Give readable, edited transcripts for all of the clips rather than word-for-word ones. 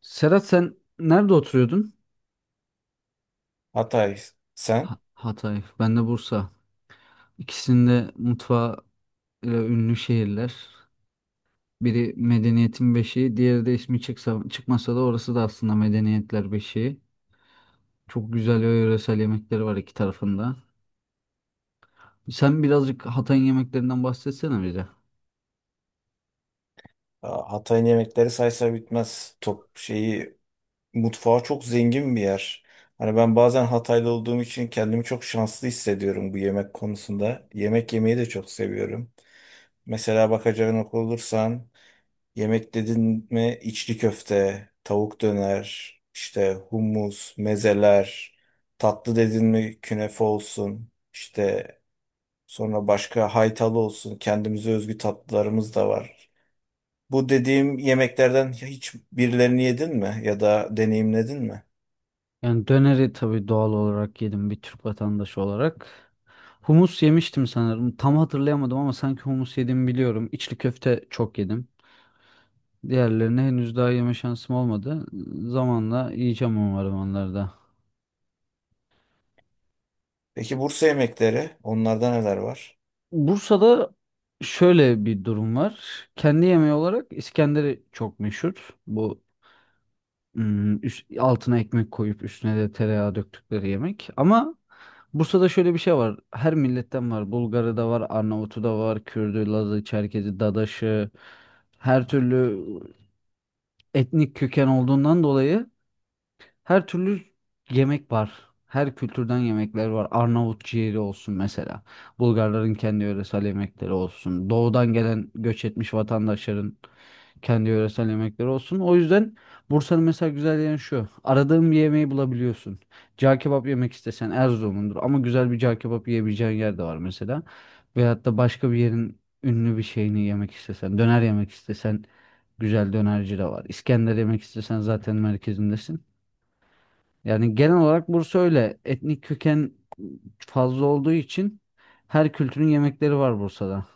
Serhat sen nerede oturuyordun? Hatay sen. Hatay, ben de Bursa. İkisinde mutfağı ile ünlü şehirler. Biri medeniyetin beşiği, diğeri de ismi çıksa, çıkmasa da orası da aslında medeniyetler beşiği. Çok güzel ve yöresel yemekleri var iki tarafında. Sen birazcık Hatay'ın yemeklerinden bahsetsene bize. Aa, Hatay'ın yemekleri saysa bitmez. Top şeyi mutfağı çok zengin bir yer. Hani ben bazen Hataylı olduğum için kendimi çok şanslı hissediyorum bu yemek konusunda. Yemek yemeyi de çok seviyorum. Mesela bakacağına olursan yemek dedin mi içli köfte, tavuk döner, işte hummus, mezeler, tatlı dedin mi künefe olsun, işte sonra başka haytalı olsun, kendimize özgü tatlılarımız da var. Bu dediğim yemeklerden hiç birilerini yedin mi ya da deneyimledin mi? Yani döneri tabii doğal olarak yedim bir Türk vatandaşı olarak. Humus yemiştim sanırım. Tam hatırlayamadım ama sanki humus yediğimi biliyorum. İçli köfte çok yedim. Diğerlerine henüz daha yeme şansım olmadı. Zamanla yiyeceğim umarım onları da. Peki Bursa yemekleri, onlarda neler var? Bursa'da şöyle bir durum var. Kendi yemeği olarak İskender'i çok meşhur. Bu altına ekmek koyup üstüne de tereyağı döktükleri yemek. Ama Bursa'da şöyle bir şey var. Her milletten var. Bulgarı da var, Arnavutu da var, Kürdü, Lazı, Çerkezi, Dadaşı. Her türlü etnik köken olduğundan dolayı her türlü yemek var. Her kültürden yemekler var. Arnavut ciğeri olsun mesela. Bulgarların kendi yöresel yemekleri olsun. Doğudan gelen göç etmiş vatandaşların kendi yöresel yemekleri olsun. O yüzden Bursa'nın mesela güzel yanı şu. Aradığın bir yemeği bulabiliyorsun. Cağ kebap yemek istesen Erzurum'undur. Ama güzel bir cağ kebap yiyebileceğin yer de var mesela. Veyahut da başka bir yerin ünlü bir şeyini yemek istesen, döner yemek istesen güzel dönerci de var. İskender yemek istesen zaten merkezindesin. Yani genel olarak Bursa öyle. Etnik köken fazla olduğu için her kültürün yemekleri var Bursa'da.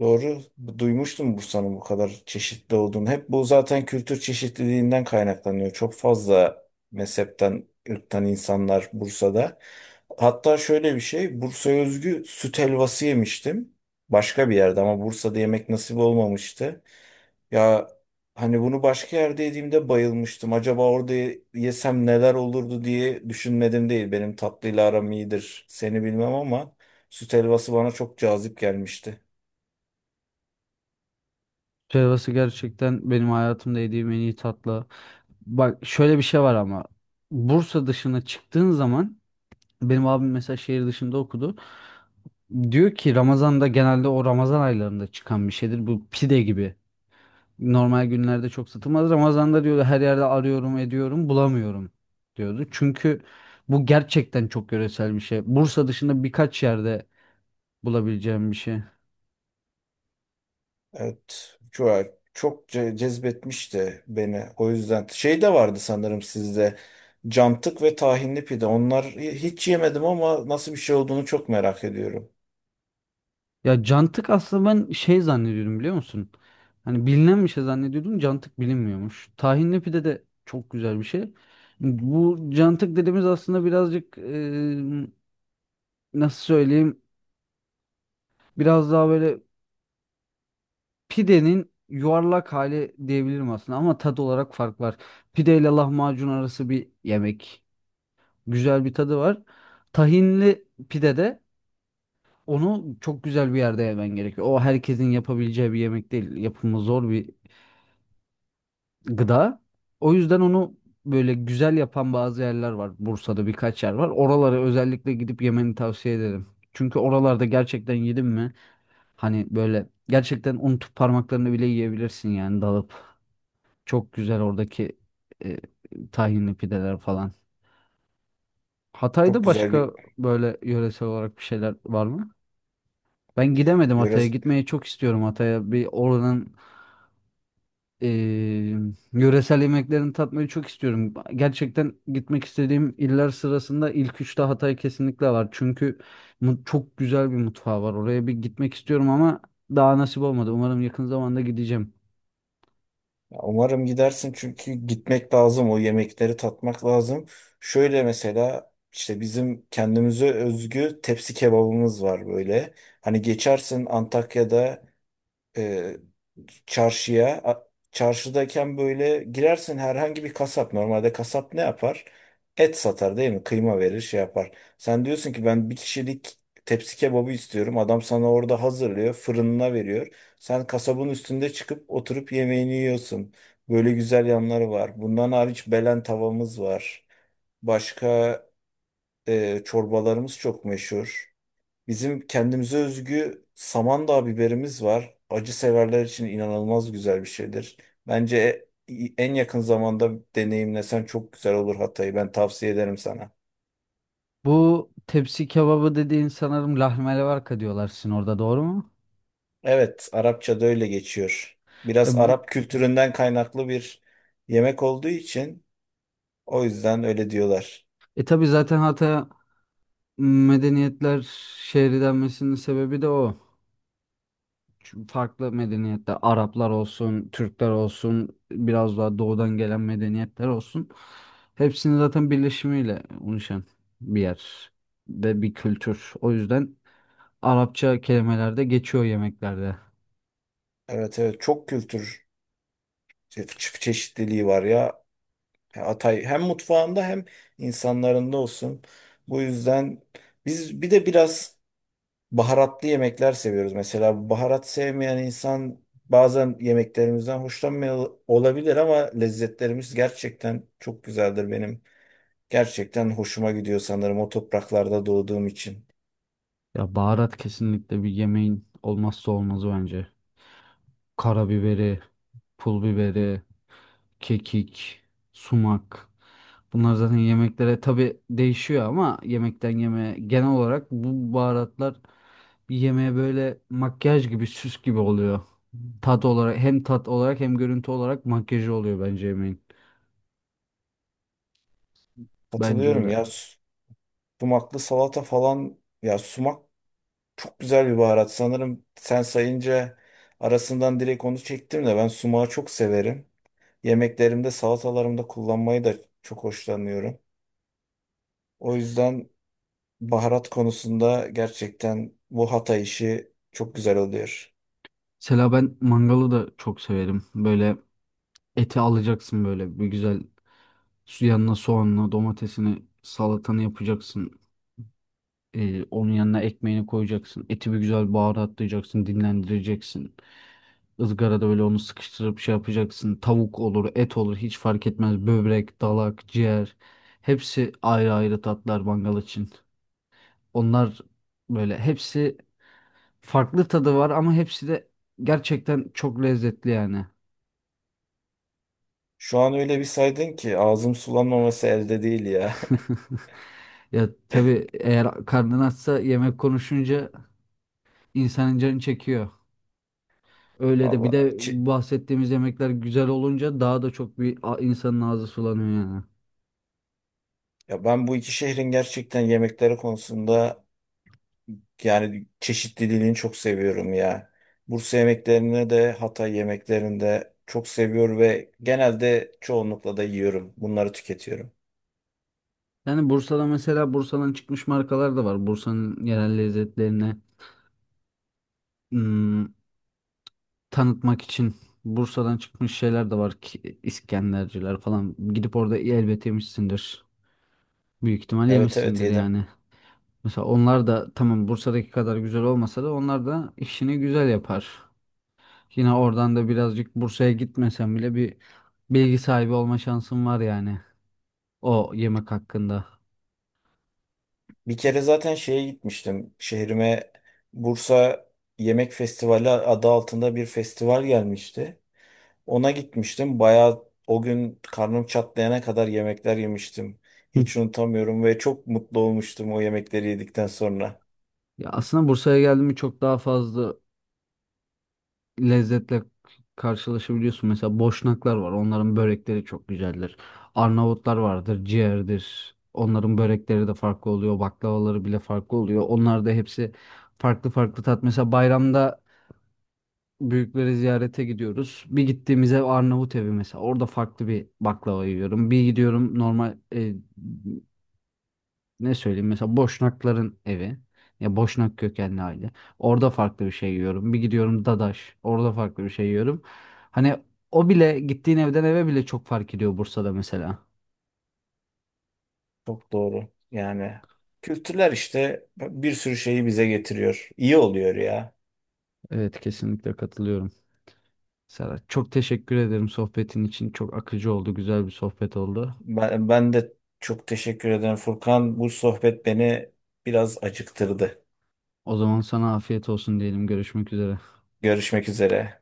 Doğru, duymuştum Bursa'nın bu kadar çeşitli olduğunu. Hep bu zaten kültür çeşitliliğinden kaynaklanıyor. Çok fazla mezhepten, ırktan insanlar Bursa'da. Hatta şöyle bir şey, Bursa'ya özgü süt helvası yemiştim. Başka bir yerde ama Bursa'da yemek nasip olmamıştı. Ya hani bunu başka yerde yediğimde bayılmıştım. Acaba orada yesem neler olurdu diye düşünmedim değil. Benim tatlıyla aram iyidir. Seni bilmem ama süt helvası bana çok cazip gelmişti. Helvası gerçekten benim hayatımda yediğim en iyi tatlı. Bak şöyle bir şey var ama Bursa dışına çıktığın zaman benim abim mesela şehir dışında okudu. Diyor ki Ramazan'da genelde o Ramazan aylarında çıkan bir şeydir. Bu pide gibi. Normal günlerde çok satılmaz. Ramazan'da diyordu her yerde arıyorum ediyorum bulamıyorum diyordu. Çünkü bu gerçekten çok yöresel bir şey. Bursa dışında birkaç yerde bulabileceğim bir şey. Evet. Çok, çok cezbetmişti beni. O yüzden şey de vardı sanırım sizde. Cantık ve tahinli pide. Onlar hiç yemedim ama nasıl bir şey olduğunu çok merak ediyorum. Ya cantık aslında ben şey zannediyordum biliyor musun? Hani bilinen bir şey zannediyordum cantık bilinmiyormuş. Tahinli pide de çok güzel bir şey. Bu cantık dediğimiz aslında birazcık nasıl söyleyeyim biraz daha böyle pidenin yuvarlak hali diyebilirim aslında ama tat olarak fark var. Pide ile lahmacun arası bir yemek. Güzel bir tadı var. Tahinli pide de onu çok güzel bir yerde yemen gerekiyor. O herkesin yapabileceği bir yemek değil. Yapımı zor bir gıda. O yüzden onu böyle güzel yapan bazı yerler var. Bursa'da birkaç yer var. Oralara özellikle gidip yemeni tavsiye ederim. Çünkü oralarda gerçekten yedim mi hani böyle gerçekten unutup parmaklarını bile yiyebilirsin yani dalıp. Çok güzel oradaki e, tahinli pideler falan. Çok Hatay'da güzel bir başka böyle yöresel olarak bir şeyler var mı? Ben gidemedim yöre. Hatay'a. Gitmeyi çok istiyorum Hatay'a. Bir oranın e, yöresel yemeklerini tatmayı çok istiyorum. Gerçekten gitmek istediğim iller sırasında ilk üçte Hatay kesinlikle var. Çünkü çok güzel bir mutfağı var. Oraya bir gitmek istiyorum ama daha nasip olmadı. Umarım yakın zamanda gideceğim. Ya umarım gidersin çünkü gitmek lazım, o yemekleri tatmak lazım. Şöyle mesela işte bizim kendimize özgü tepsi kebabımız var böyle. Hani geçersin Antakya'da e, çarşıya. Çarşıdayken böyle girersin herhangi bir kasap. Normalde kasap ne yapar? Et satar değil mi? Kıyma verir, şey yapar. Sen diyorsun ki ben bir kişilik tepsi kebabı istiyorum. Adam sana orada hazırlıyor, fırınına veriyor. Sen kasabın üstünde çıkıp oturup yemeğini yiyorsun. Böyle güzel yanları var. Bundan hariç Belen tavamız var. Başka çorbalarımız çok meşhur. Bizim kendimize özgü Samandağ biberimiz var. Acı severler için inanılmaz güzel bir şeydir. Bence en yakın zamanda deneyimlesen çok güzel olur Hatay'ı. Ben tavsiye ederim sana. Bu tepsi kebabı dediğin sanırım lahmelevarka diyorlar sizin orada doğru mu? Evet, Arapça'da öyle geçiyor. Ya, Biraz Arap kültüründen kaynaklı bir yemek olduğu için o yüzden öyle diyorlar. Tabii zaten Hatay medeniyetler şehri denmesinin sebebi de o. Çünkü farklı medeniyetler, Araplar olsun, Türkler olsun, biraz daha doğudan gelen medeniyetler olsun. Hepsinin zaten birleşimiyle oluşan bir yer ve bir kültür. O yüzden Arapça kelimeler de geçiyor yemeklerde. Evet, evet, çok kültür çeşitliliği var ya. E, Hatay hem mutfağında hem insanlarında olsun. Bu yüzden biz bir de biraz baharatlı yemekler seviyoruz. Mesela baharat sevmeyen insan bazen yemeklerimizden hoşlanmıyor olabilir ama lezzetlerimiz gerçekten çok güzeldir benim. Gerçekten hoşuma gidiyor sanırım o topraklarda doğduğum için. Ya baharat kesinlikle bir yemeğin olmazsa olmazı bence. Karabiberi, pul biberi, kekik, sumak. Bunlar zaten yemeklere tabii değişiyor ama yemekten yemeğe genel olarak bu baharatlar bir yemeğe böyle makyaj gibi, süs gibi oluyor. Tat olarak hem tat olarak hem görüntü olarak makyajı oluyor bence yemeğin. Bence Katılıyorum öyle. ya, sumaklı salata falan, ya sumak çok güzel bir baharat. Sanırım sen sayınca arasından direkt onu çektim de ben sumağı çok severim. Yemeklerimde, salatalarımda kullanmayı da çok hoşlanıyorum. O yüzden baharat konusunda gerçekten bu Hatay işi çok güzel oluyor. Mesela ben mangalı da çok severim. Böyle eti alacaksın böyle bir güzel su yanına soğanını, domatesini, salatanı yapacaksın. Onun yanına ekmeğini koyacaksın. Eti bir güzel baharatlayacaksın, dinlendireceksin. Izgarada böyle onu sıkıştırıp şey yapacaksın. Tavuk olur, et olur hiç fark etmez. Böbrek, dalak, ciğer. Hepsi ayrı ayrı tatlar mangal için. Onlar böyle hepsi farklı tadı var ama hepsi de gerçekten çok lezzetli yani. Şu an öyle bir saydın ki ağzım sulanmaması elde değil ya. Ya tabii eğer karnın açsa yemek konuşunca insanın canı çekiyor. Öyle de bir Vallahi de bahsettiğimiz yemekler güzel olunca daha da çok bir insanın ağzı sulanıyor yani. ya ben bu iki şehrin gerçekten yemekleri konusunda yani çeşitliliğini çok seviyorum ya. Bursa yemeklerini de Hatay yemeklerini de çok seviyor ve genelde çoğunlukla da yiyorum. Bunları tüketiyorum. Yani Bursa'da mesela Bursa'dan çıkmış markalar da var. Bursa'nın yerel lezzetlerini ım, tanıtmak için Bursa'dan çıkmış şeyler de var ki İskenderciler falan. Gidip orada elbet yemişsindir. Büyük ihtimal Evet, evet, yemişsindir yedim. yani. Mesela onlar da tamam Bursa'daki kadar güzel olmasa da onlar da işini güzel yapar. Yine oradan da birazcık Bursa'ya gitmesem bile bir bilgi sahibi olma şansım var yani o yemek hakkında. Bir kere zaten şeye gitmiştim. Şehrime Bursa Yemek Festivali adı altında bir festival gelmişti. Ona gitmiştim. Bayağı o gün karnım çatlayana kadar yemekler yemiştim. Hı. Hiç unutamıyorum ve çok mutlu olmuştum o yemekleri yedikten sonra. Ya aslında Bursa'ya geldim çok daha fazla lezzetle karşılaşabiliyorsun. Mesela Boşnaklar var. Onların börekleri çok güzeldir. Arnavutlar vardır, ciğerdir. Onların börekleri de farklı oluyor. Baklavaları bile farklı oluyor. Onlar da hepsi farklı farklı tat. Mesela bayramda büyükleri ziyarete gidiyoruz. Bir gittiğimiz ev Arnavut evi mesela. Orada farklı bir baklava yiyorum. Bir gidiyorum normal ne söyleyeyim mesela Boşnakların evi ya Boşnak kökenli aile, orada farklı bir şey yiyorum, bir gidiyorum Dadaş, orada farklı bir şey yiyorum. Hani o bile gittiğin evden eve bile çok fark ediyor Bursa'da mesela. Çok doğru. Yani kültürler işte bir sürü şeyi bize getiriyor. İyi oluyor ya. Evet kesinlikle katılıyorum. Serhat çok teşekkür ederim sohbetin için, çok akıcı oldu, güzel bir sohbet oldu. Ben de çok teşekkür ederim Furkan. Bu sohbet beni biraz acıktırdı. O zaman sana afiyet olsun diyelim, görüşmek üzere. Görüşmek üzere.